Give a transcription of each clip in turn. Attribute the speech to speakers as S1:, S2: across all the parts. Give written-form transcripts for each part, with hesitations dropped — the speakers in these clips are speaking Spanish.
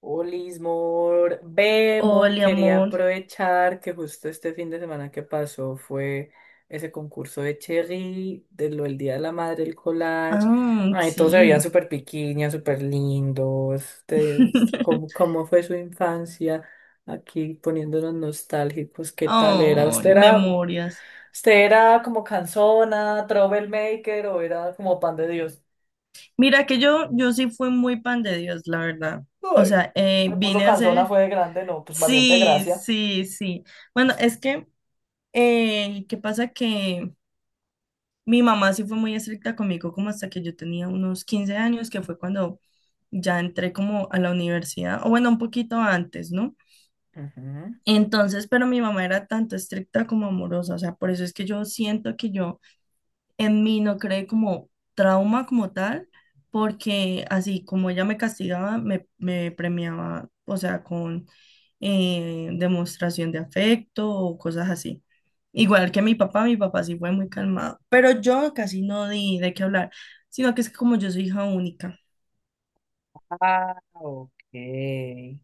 S1: Olis, mor. Ve, mor,
S2: Hola,
S1: quería
S2: amor.
S1: aprovechar que justo este fin de semana que pasó fue ese concurso de Cherry, de lo del Día de la Madre, el collage.
S2: Ah,
S1: Ay, todos se veían
S2: sí.
S1: súper piquiñas, súper lindos. ¿Cómo, cómo fue su infancia? Aquí poniéndonos nostálgicos, ¿qué tal era?
S2: Ay,
S1: ¿Usted era,
S2: memorias.
S1: usted era como canzona, troublemaker o era como pan de Dios?
S2: Mira que yo sí fui muy pan de Dios, la verdad. O
S1: Ay,
S2: sea,
S1: me puso
S2: vine a
S1: canzona,
S2: ser...
S1: fue de grande, no, pues valiente
S2: Sí,
S1: gracia.
S2: sí, sí. Bueno, es que, ¿qué pasa? Que mi mamá sí fue muy estricta conmigo como hasta que yo tenía unos 15 años, que fue cuando ya entré como a la universidad, o bueno, un poquito antes, ¿no?
S1: Ujú.
S2: Entonces, pero mi mamá era tanto estricta como amorosa, o sea, por eso es que yo siento que yo en mí no creé como trauma como tal, porque así como ella me castigaba, me premiaba, o sea, con demostración de afecto o cosas así. Igual que mi papá sí fue muy calmado, pero yo casi no di de qué hablar, sino que es que como yo soy hija única.
S1: Ah, ok. Ay,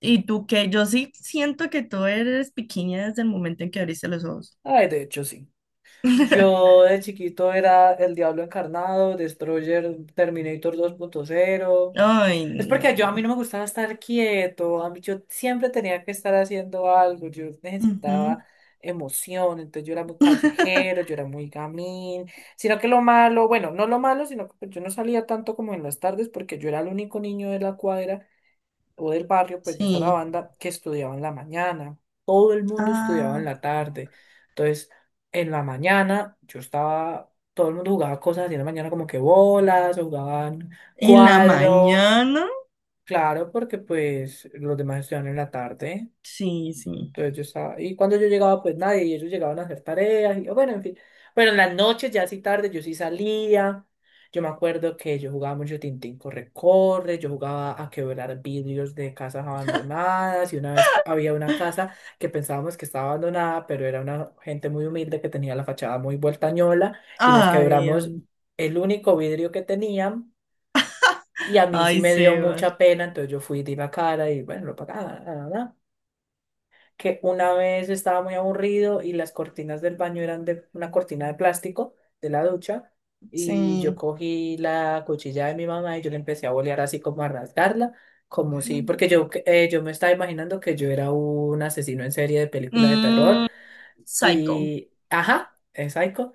S2: Y tú que yo sí siento que tú eres pequeña desde el momento en que abriste los ojos.
S1: de hecho, sí. Yo de chiquito era el Diablo Encarnado, Destroyer, Terminator 2.0.
S2: Ay,
S1: Es porque
S2: no.
S1: yo a mí no me gustaba estar quieto, a mí yo siempre tenía que estar haciendo algo, yo
S2: Ujú.
S1: necesitaba emoción. Entonces yo era muy callejero, yo era muy gamín, sino que lo malo, bueno, no lo malo, sino que pues yo no salía tanto como en las tardes porque yo era el único niño de la cuadra o del barrio, pues de
S2: Sí.
S1: Sarabanda, que estudiaba en la mañana. Todo el mundo estudiaba en
S2: Ah.
S1: la tarde. Entonces, en la mañana yo estaba, todo el mundo jugaba cosas así en la mañana como que bolas, o jugaban
S2: ¿En la
S1: cuadro,
S2: mañana?
S1: claro, porque pues los demás estudiaban en la tarde.
S2: Sí, sí.
S1: Entonces yo estaba, y cuando yo llegaba, pues nadie, y ellos llegaban a hacer tareas, y yo, bueno, en fin. Bueno, en las noches, ya así tarde, yo sí salía. Yo me acuerdo que yo jugaba mucho Tintín corre-corre, yo jugaba a quebrar vidrios de casas abandonadas, y una vez había una casa que pensábamos que estaba abandonada, pero era una gente muy humilde que tenía la fachada muy vueltañola, y les
S2: Ay,
S1: quebramos el único vidrio que tenían, y a mí sí
S2: ay,
S1: me dio
S2: Sebas.
S1: mucha pena, entonces yo fui y di la cara, y bueno, lo pagaba. Nada, nada que una vez estaba muy aburrido y las cortinas del baño eran de una cortina de plástico de la ducha y yo
S2: Sí.
S1: cogí la cuchilla de mi mamá y yo le empecé a bolear así como a rasgarla, como si, porque yo, yo me estaba imaginando que yo era un asesino en serie de película de terror
S2: Mm, psycho.
S1: y, ajá, es Psycho.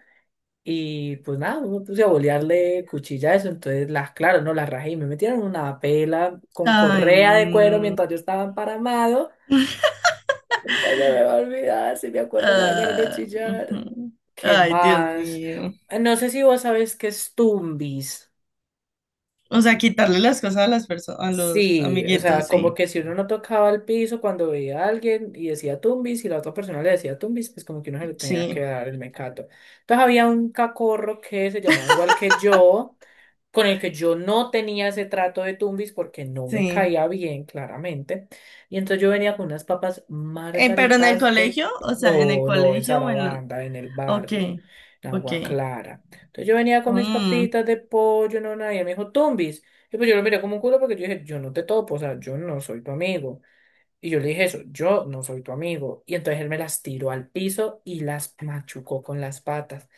S1: Y pues nada, me puse a bolearle cuchilla a eso, entonces las, claro, no las rajé y me metieron una pela con
S2: Ay,
S1: correa de cuero
S2: no.
S1: mientras yo estaba emparamado. Nunca se me va a olvidar, si me acuerdo me da ganas de
S2: Ah,
S1: chillar.
S2: ujú.
S1: ¿Qué
S2: Ay, Dios
S1: más?
S2: mío.
S1: No sé si vos sabes qué es Tumbis.
S2: O sea, quitarle las cosas a las personas, a los
S1: Sí, o sea,
S2: amiguitos,
S1: como
S2: sí.
S1: que si uno no tocaba el piso cuando veía a alguien y decía tumbis y la otra persona le decía tumbis, pues como que uno se le tenía que
S2: Sí,
S1: dar el mecato. Entonces había un cacorro que se llamaba igual que yo, con el que yo no tenía ese trato de tumbis porque no me
S2: sí.
S1: caía bien, claramente. Y entonces yo venía con unas papas
S2: Pero en el
S1: margaritas de...
S2: colegio, o sea, en el
S1: No, no, en
S2: colegio o en la...
S1: Sarabanda, en el
S2: Ok,
S1: barrio, en
S2: ok.
S1: Agua Clara. Entonces yo venía con mis
S2: Mm.
S1: papitas de pollo, no, nadie me dijo tumbis. Y pues yo lo miré como un culo porque yo dije, yo no te topo, o sea, yo no soy tu amigo. Y yo le dije eso, yo no soy tu amigo. Y entonces él me las tiró al piso y las machucó con las patas.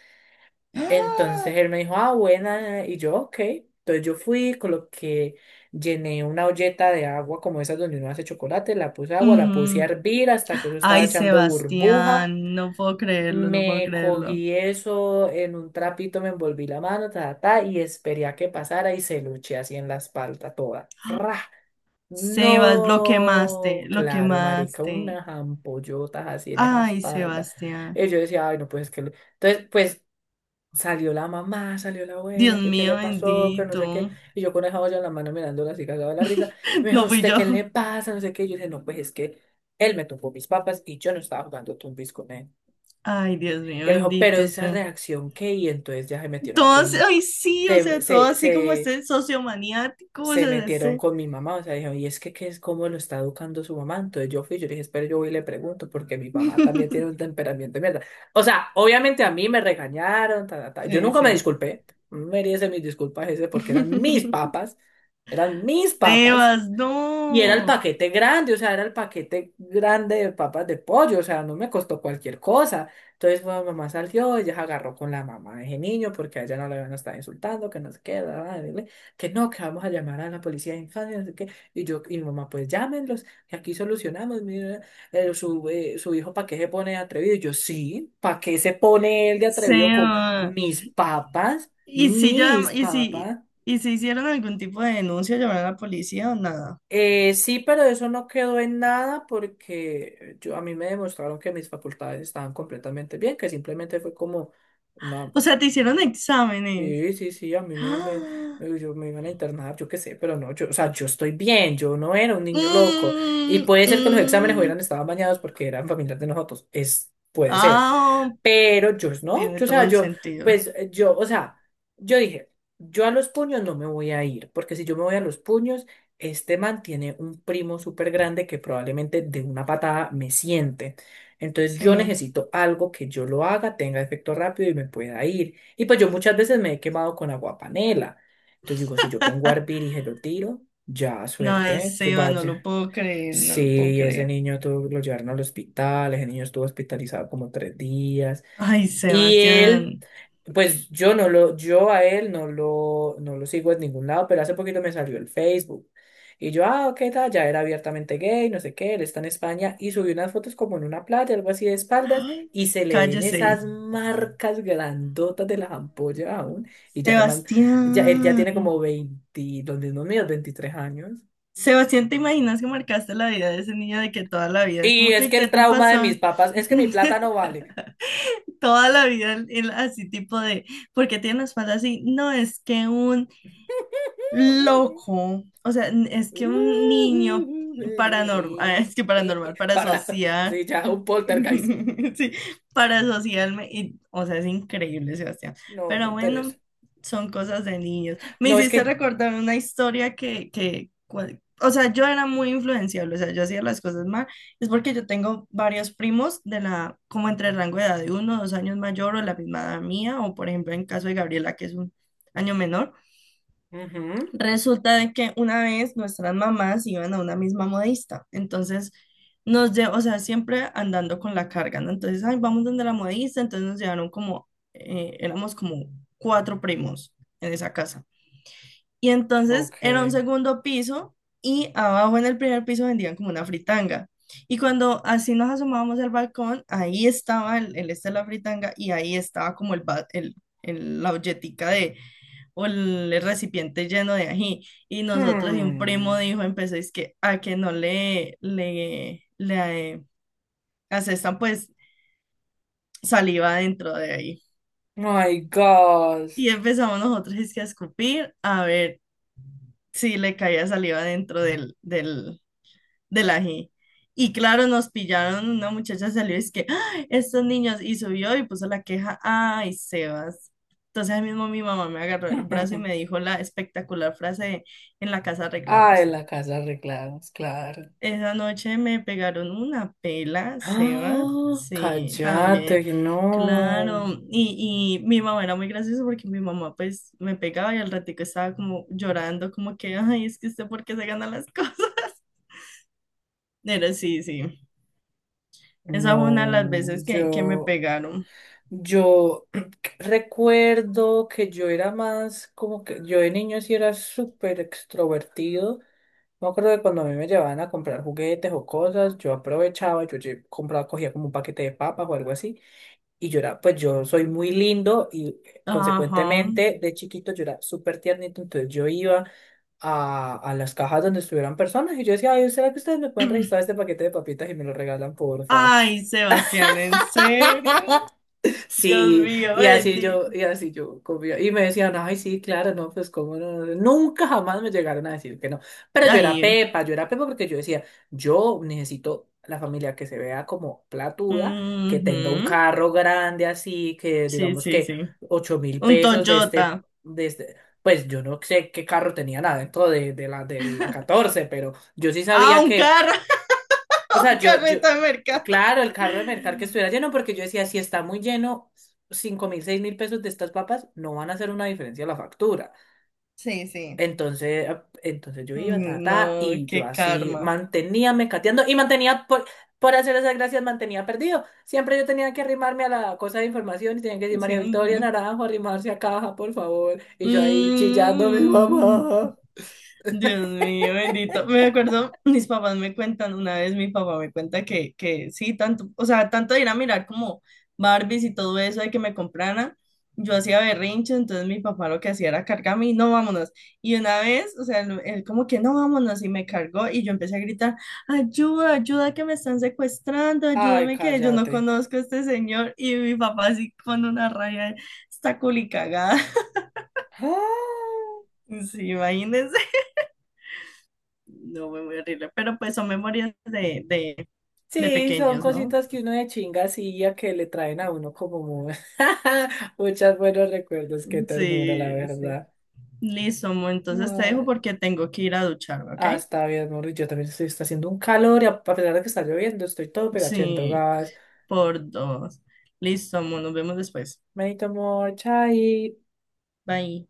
S1: Entonces
S2: Ah,
S1: él me dijo, ah, buena. Y yo, ok. Entonces yo fui, coloqué, llené una olleta de agua como esas donde uno hace chocolate, la puse agua, la puse a
S2: ujú.
S1: hervir hasta que eso estaba
S2: Ay,
S1: echando burbuja.
S2: Sebastián, no puedo creerlo, no puedo
S1: Me
S2: creerlo.
S1: cogí eso en un trapito, me envolví la mano, ta, ta, ta, y esperé a que pasara y se lo eché así en la espalda toda. ¡Fra!
S2: Sebas, lo quemaste,
S1: No,
S2: lo
S1: claro, marica,
S2: quemaste.
S1: unas ampollotas así en esa
S2: Ay,
S1: espalda.
S2: Sebastián.
S1: Y yo decía, ay, no, pues es que... le-". Entonces, pues salió la mamá, salió la
S2: Dios
S1: abuela, que qué le
S2: mío,
S1: pasó, que no sé qué.
S2: bendito.
S1: Y yo con esa olla en la mano mirándola así, cagada de la risa. Y me dijo,
S2: No fui
S1: ¿usted
S2: yo.
S1: qué le pasa? No sé qué. Y yo dije, no, pues es que él me tumbó mis papas y yo no estaba jugando tumbis con él.
S2: Ay, Dios mío,
S1: Y me dijo, pero
S2: bendito
S1: esa
S2: sea.
S1: reacción, ¿qué? Y entonces ya se metieron
S2: Todo así-
S1: con...
S2: ay, sí, o
S1: Se,
S2: sea, todo
S1: se,
S2: así como
S1: se
S2: este sociomaniático, o
S1: se
S2: sea,
S1: metieron
S2: este.
S1: con mi mamá, o sea, dijeron, y es que, ¿qué es cómo lo está educando su mamá? Entonces yo fui, yo le dije, espera, yo voy y le pregunto, porque mi mamá también tiene un temperamento de mierda. O sea, obviamente a mí me regañaron, ta, ta, ta. Yo
S2: Sí,
S1: nunca me
S2: sí.
S1: disculpé, no merece mis disculpas ese, porque eran mis papas,
S2: Sebas,
S1: y era el
S2: no.
S1: paquete grande, o sea, era el paquete grande de papas de pollo, o sea, no me costó cualquier cosa. Entonces, bueno, mamá salió, ella se agarró con la mamá de ese niño porque a ella no le van a estar insultando, que no sé qué, bla, bla, bla, bla, que no, que vamos a llamar a la policía de infancia, no sé qué. Y yo, y mi mamá, pues llámenlos, que aquí solucionamos, mira, su, su hijo, ¿para qué se pone de atrevido? Y yo, sí, ¿para qué se pone él de atrevido con
S2: Sebas.
S1: mis papas?
S2: ¿Y si
S1: Mis
S2: ya, y si,
S1: papas.
S2: y si hicieron algún tipo de denuncia, llamaron a la policía o nada?
S1: Sí, pero eso no quedó en nada porque yo, a mí me demostraron que mis facultades estaban completamente bien, que simplemente fue como una...
S2: O sea, te hicieron exámenes.
S1: Sí, sí, sí, a mí
S2: ¡Ah!
S1: yo me iban a internar, yo qué sé, pero no, yo, o sea, yo estoy bien, yo no era un niño loco. Y
S2: Mm,
S1: puede ser que los exámenes
S2: mm.
S1: hubieran estado bañados porque eran familiares de nosotros, es, puede ser.
S2: Ah,
S1: Pero yo no,
S2: tiene
S1: yo, o
S2: todo
S1: sea,
S2: el
S1: yo,
S2: sentido.
S1: pues yo, o sea, yo dije, yo a los puños no me voy a ir, porque si yo me voy a los puños, este man tiene un primo súper grande que probablemente de una patada me siente. Entonces yo
S2: Sí.
S1: necesito algo que yo lo haga, tenga efecto rápido y me pueda ir. Y pues yo muchas veces me he quemado con agua panela. Entonces digo, si yo pongo a hervir y se lo tiro, ya,
S2: No,
S1: suerte,
S2: ay,
S1: ¿eh? Que
S2: Seba, no lo
S1: vaya.
S2: puedo creer, no lo puedo
S1: Sí, ese
S2: creer.
S1: niño tuvo, lo llevaron al hospital, ese niño estuvo hospitalizado como 3 días.
S2: Ay,
S1: Y él,
S2: Sebastián.
S1: pues yo no lo, yo a él no lo, no lo sigo en ningún lado, pero hace poquito me salió el Facebook. Y yo, ah, ok, tal, ya era abiertamente gay, no sé qué, él está en España y subió unas fotos como en una playa, algo así de espaldas,
S2: ¡Ah!
S1: y se le ven
S2: Cállese.
S1: esas marcas grandotas de las ampollas aún. Y ya, ya él ya
S2: Sebastián.
S1: tiene como 20, los mismos míos, 23 años.
S2: Sebastián, ¿te imaginas que marcaste la vida de ese niño, de que toda la vida es
S1: Y
S2: como
S1: es
S2: que,
S1: que
S2: ¿qué
S1: el
S2: te
S1: trauma de mis
S2: pasa?
S1: papás es que mi plata no vale.
S2: Toda la vida así tipo de, porque tiene la espalda así. No, es que un loco, o sea, es que un niño paranormal, es que paranormal, para
S1: Para,
S2: asociar.
S1: sí, ya, un poltergeist.
S2: Sí, para asociarme, y, o sea, es increíble, Sebastián.
S1: No, me
S2: Pero
S1: interesa.
S2: bueno, son cosas de niños. Me
S1: No, es
S2: hiciste
S1: que...
S2: recordar una historia que, o sea, yo era muy influenciable, o sea, yo hacía las cosas mal. Es porque yo tengo varios primos de la, como entre el rango de edad de uno, o dos años mayor o la misma edad mía, o por ejemplo, en caso de Gabriela, que es un año menor.
S1: Ujú,
S2: Resulta de que una vez nuestras mamás iban a una misma modista, entonces nos llevó, o sea, siempre andando con la carga, ¿no? Entonces, ay, vamos donde la modista, entonces nos llevaron como, éramos como cuatro primos en esa casa. Y entonces
S1: ok.
S2: era un segundo piso y abajo en el primer piso vendían como una fritanga. Y cuando así nos asomábamos al balcón, ahí estaba el este de la fritanga y ahí estaba como el, ba- el- la olletica de, o el recipiente lleno de ají. Y nosotros, y un primo
S1: Hmm.
S2: dijo, empezó, es que a que no le asestan pues saliva dentro de ahí.
S1: My God.
S2: Y empezamos nosotros es que a escupir, a ver si le caía saliva dentro de la G. Y claro, nos pillaron, una muchacha salió y es que, "Ah, estos niños", y subió y puso la queja, ay, Sebas. Entonces ahí mismo mi mamá me agarró el brazo y me dijo la espectacular frase de, en la casa
S1: Ay,
S2: arreglamos.
S1: la casa arreglada, claro.
S2: Esa noche me pegaron una pela, Sebas,
S1: Ah,
S2: sí,
S1: cállate,
S2: también,
S1: no.
S2: claro. Y mi mamá era muy graciosa, porque mi mamá pues me pegaba y al ratico estaba como llorando, como que, ay, es que usted por qué se gana las cosas. Pero sí, sí. Esa fue una de las
S1: No,
S2: veces que me
S1: yo,
S2: pegaron.
S1: yo recuerdo que yo era más como que yo de niño sí era súper extrovertido. Me acuerdo que cuando a mí me llevaban a comprar juguetes o cosas, yo aprovechaba, compraba, cogía como un paquete de papas o algo así, y yo era, pues yo soy muy lindo y
S2: Ajá.
S1: consecuentemente de chiquito yo era súper tiernito, entonces yo iba a las cajas donde estuvieran personas y yo decía, ay, ¿será que ustedes me pueden registrar este paquete de papitas y me lo regalan, porfa?
S2: Ay, Sebastián, ¿en serio? Dios
S1: Sí,
S2: mío, bendito.
S1: y así yo comía. Y me decían, ay, sí, claro, no, pues cómo no. No, no". Nunca jamás me llegaron a decir que no. Pero
S2: Ay,
S1: Yo era Pepa porque yo decía, yo necesito la familia que se vea como platuda, que tenga un
S2: ujú.
S1: carro grande así, que
S2: Sí,
S1: digamos
S2: sí,
S1: que
S2: sí.
S1: ocho mil
S2: Un
S1: pesos de este,
S2: Toyota.
S1: de este, pues yo no sé qué carro tenía nada dentro de, de la catorce, pero yo sí
S2: Ah,
S1: sabía
S2: un
S1: que,
S2: carro,
S1: o sea,
S2: un
S1: yo,
S2: carreta de mercado.
S1: claro, el carro de mercar que estuviera lleno, porque yo decía, si está muy lleno, 5.000, 6.000 pesos de estas papas no van a hacer una diferencia a la factura.
S2: Sí, sí.
S1: Entonces, ah, entonces yo iba, ta,
S2: Mm,
S1: ta,
S2: no,
S1: y yo
S2: qué
S1: así
S2: karma.
S1: mantenía mecateando y mantenía, por hacer esas gracias, mantenía perdido. Siempre yo tenía que arrimarme a la cosa de información y tenía que decir
S2: Sí,
S1: María Victoria
S2: mm.
S1: Naranjo, arrimarse a caja, por favor. Y yo ahí chillando a mi
S2: Mm.
S1: mamá.
S2: Dios mío, bendito. Me acuerdo, mis papás me cuentan, una vez mi papá me cuenta que sí, tanto, o sea, tanto de ir a mirar como Barbies y todo eso de que me compraran, yo hacía berrinche, entonces mi papá lo que hacía era cargarme y no, vámonos. Y una vez, o sea, él como que no, vámonos y me cargó y yo empecé a gritar, ayuda, ayuda que me están secuestrando,
S1: Ay,
S2: ayúdame que yo no
S1: cállate.
S2: conozco a este señor. Y mi papá así con una raya, está culicagada. Sí, imagínense. No, fue muy horrible. Pero pues son memorias de, de
S1: Sí, son
S2: pequeños, ¿no?
S1: cositas que uno de chinga hacía que le traen a uno como muchos buenos recuerdos, qué ternura, la
S2: Sí, sí.
S1: verdad.
S2: Listo, Mo, entonces te dejo
S1: Ah,
S2: porque tengo que ir a ducharme, ¿ok?
S1: ah, está bien, amor, yo también estoy, está haciendo un calor y a pesar de que está lloviendo, estoy todo pegachento,
S2: Sí,
S1: gas.
S2: por dos. Listo, Mo, nos vemos después.
S1: Manito amor, chai.
S2: Bye.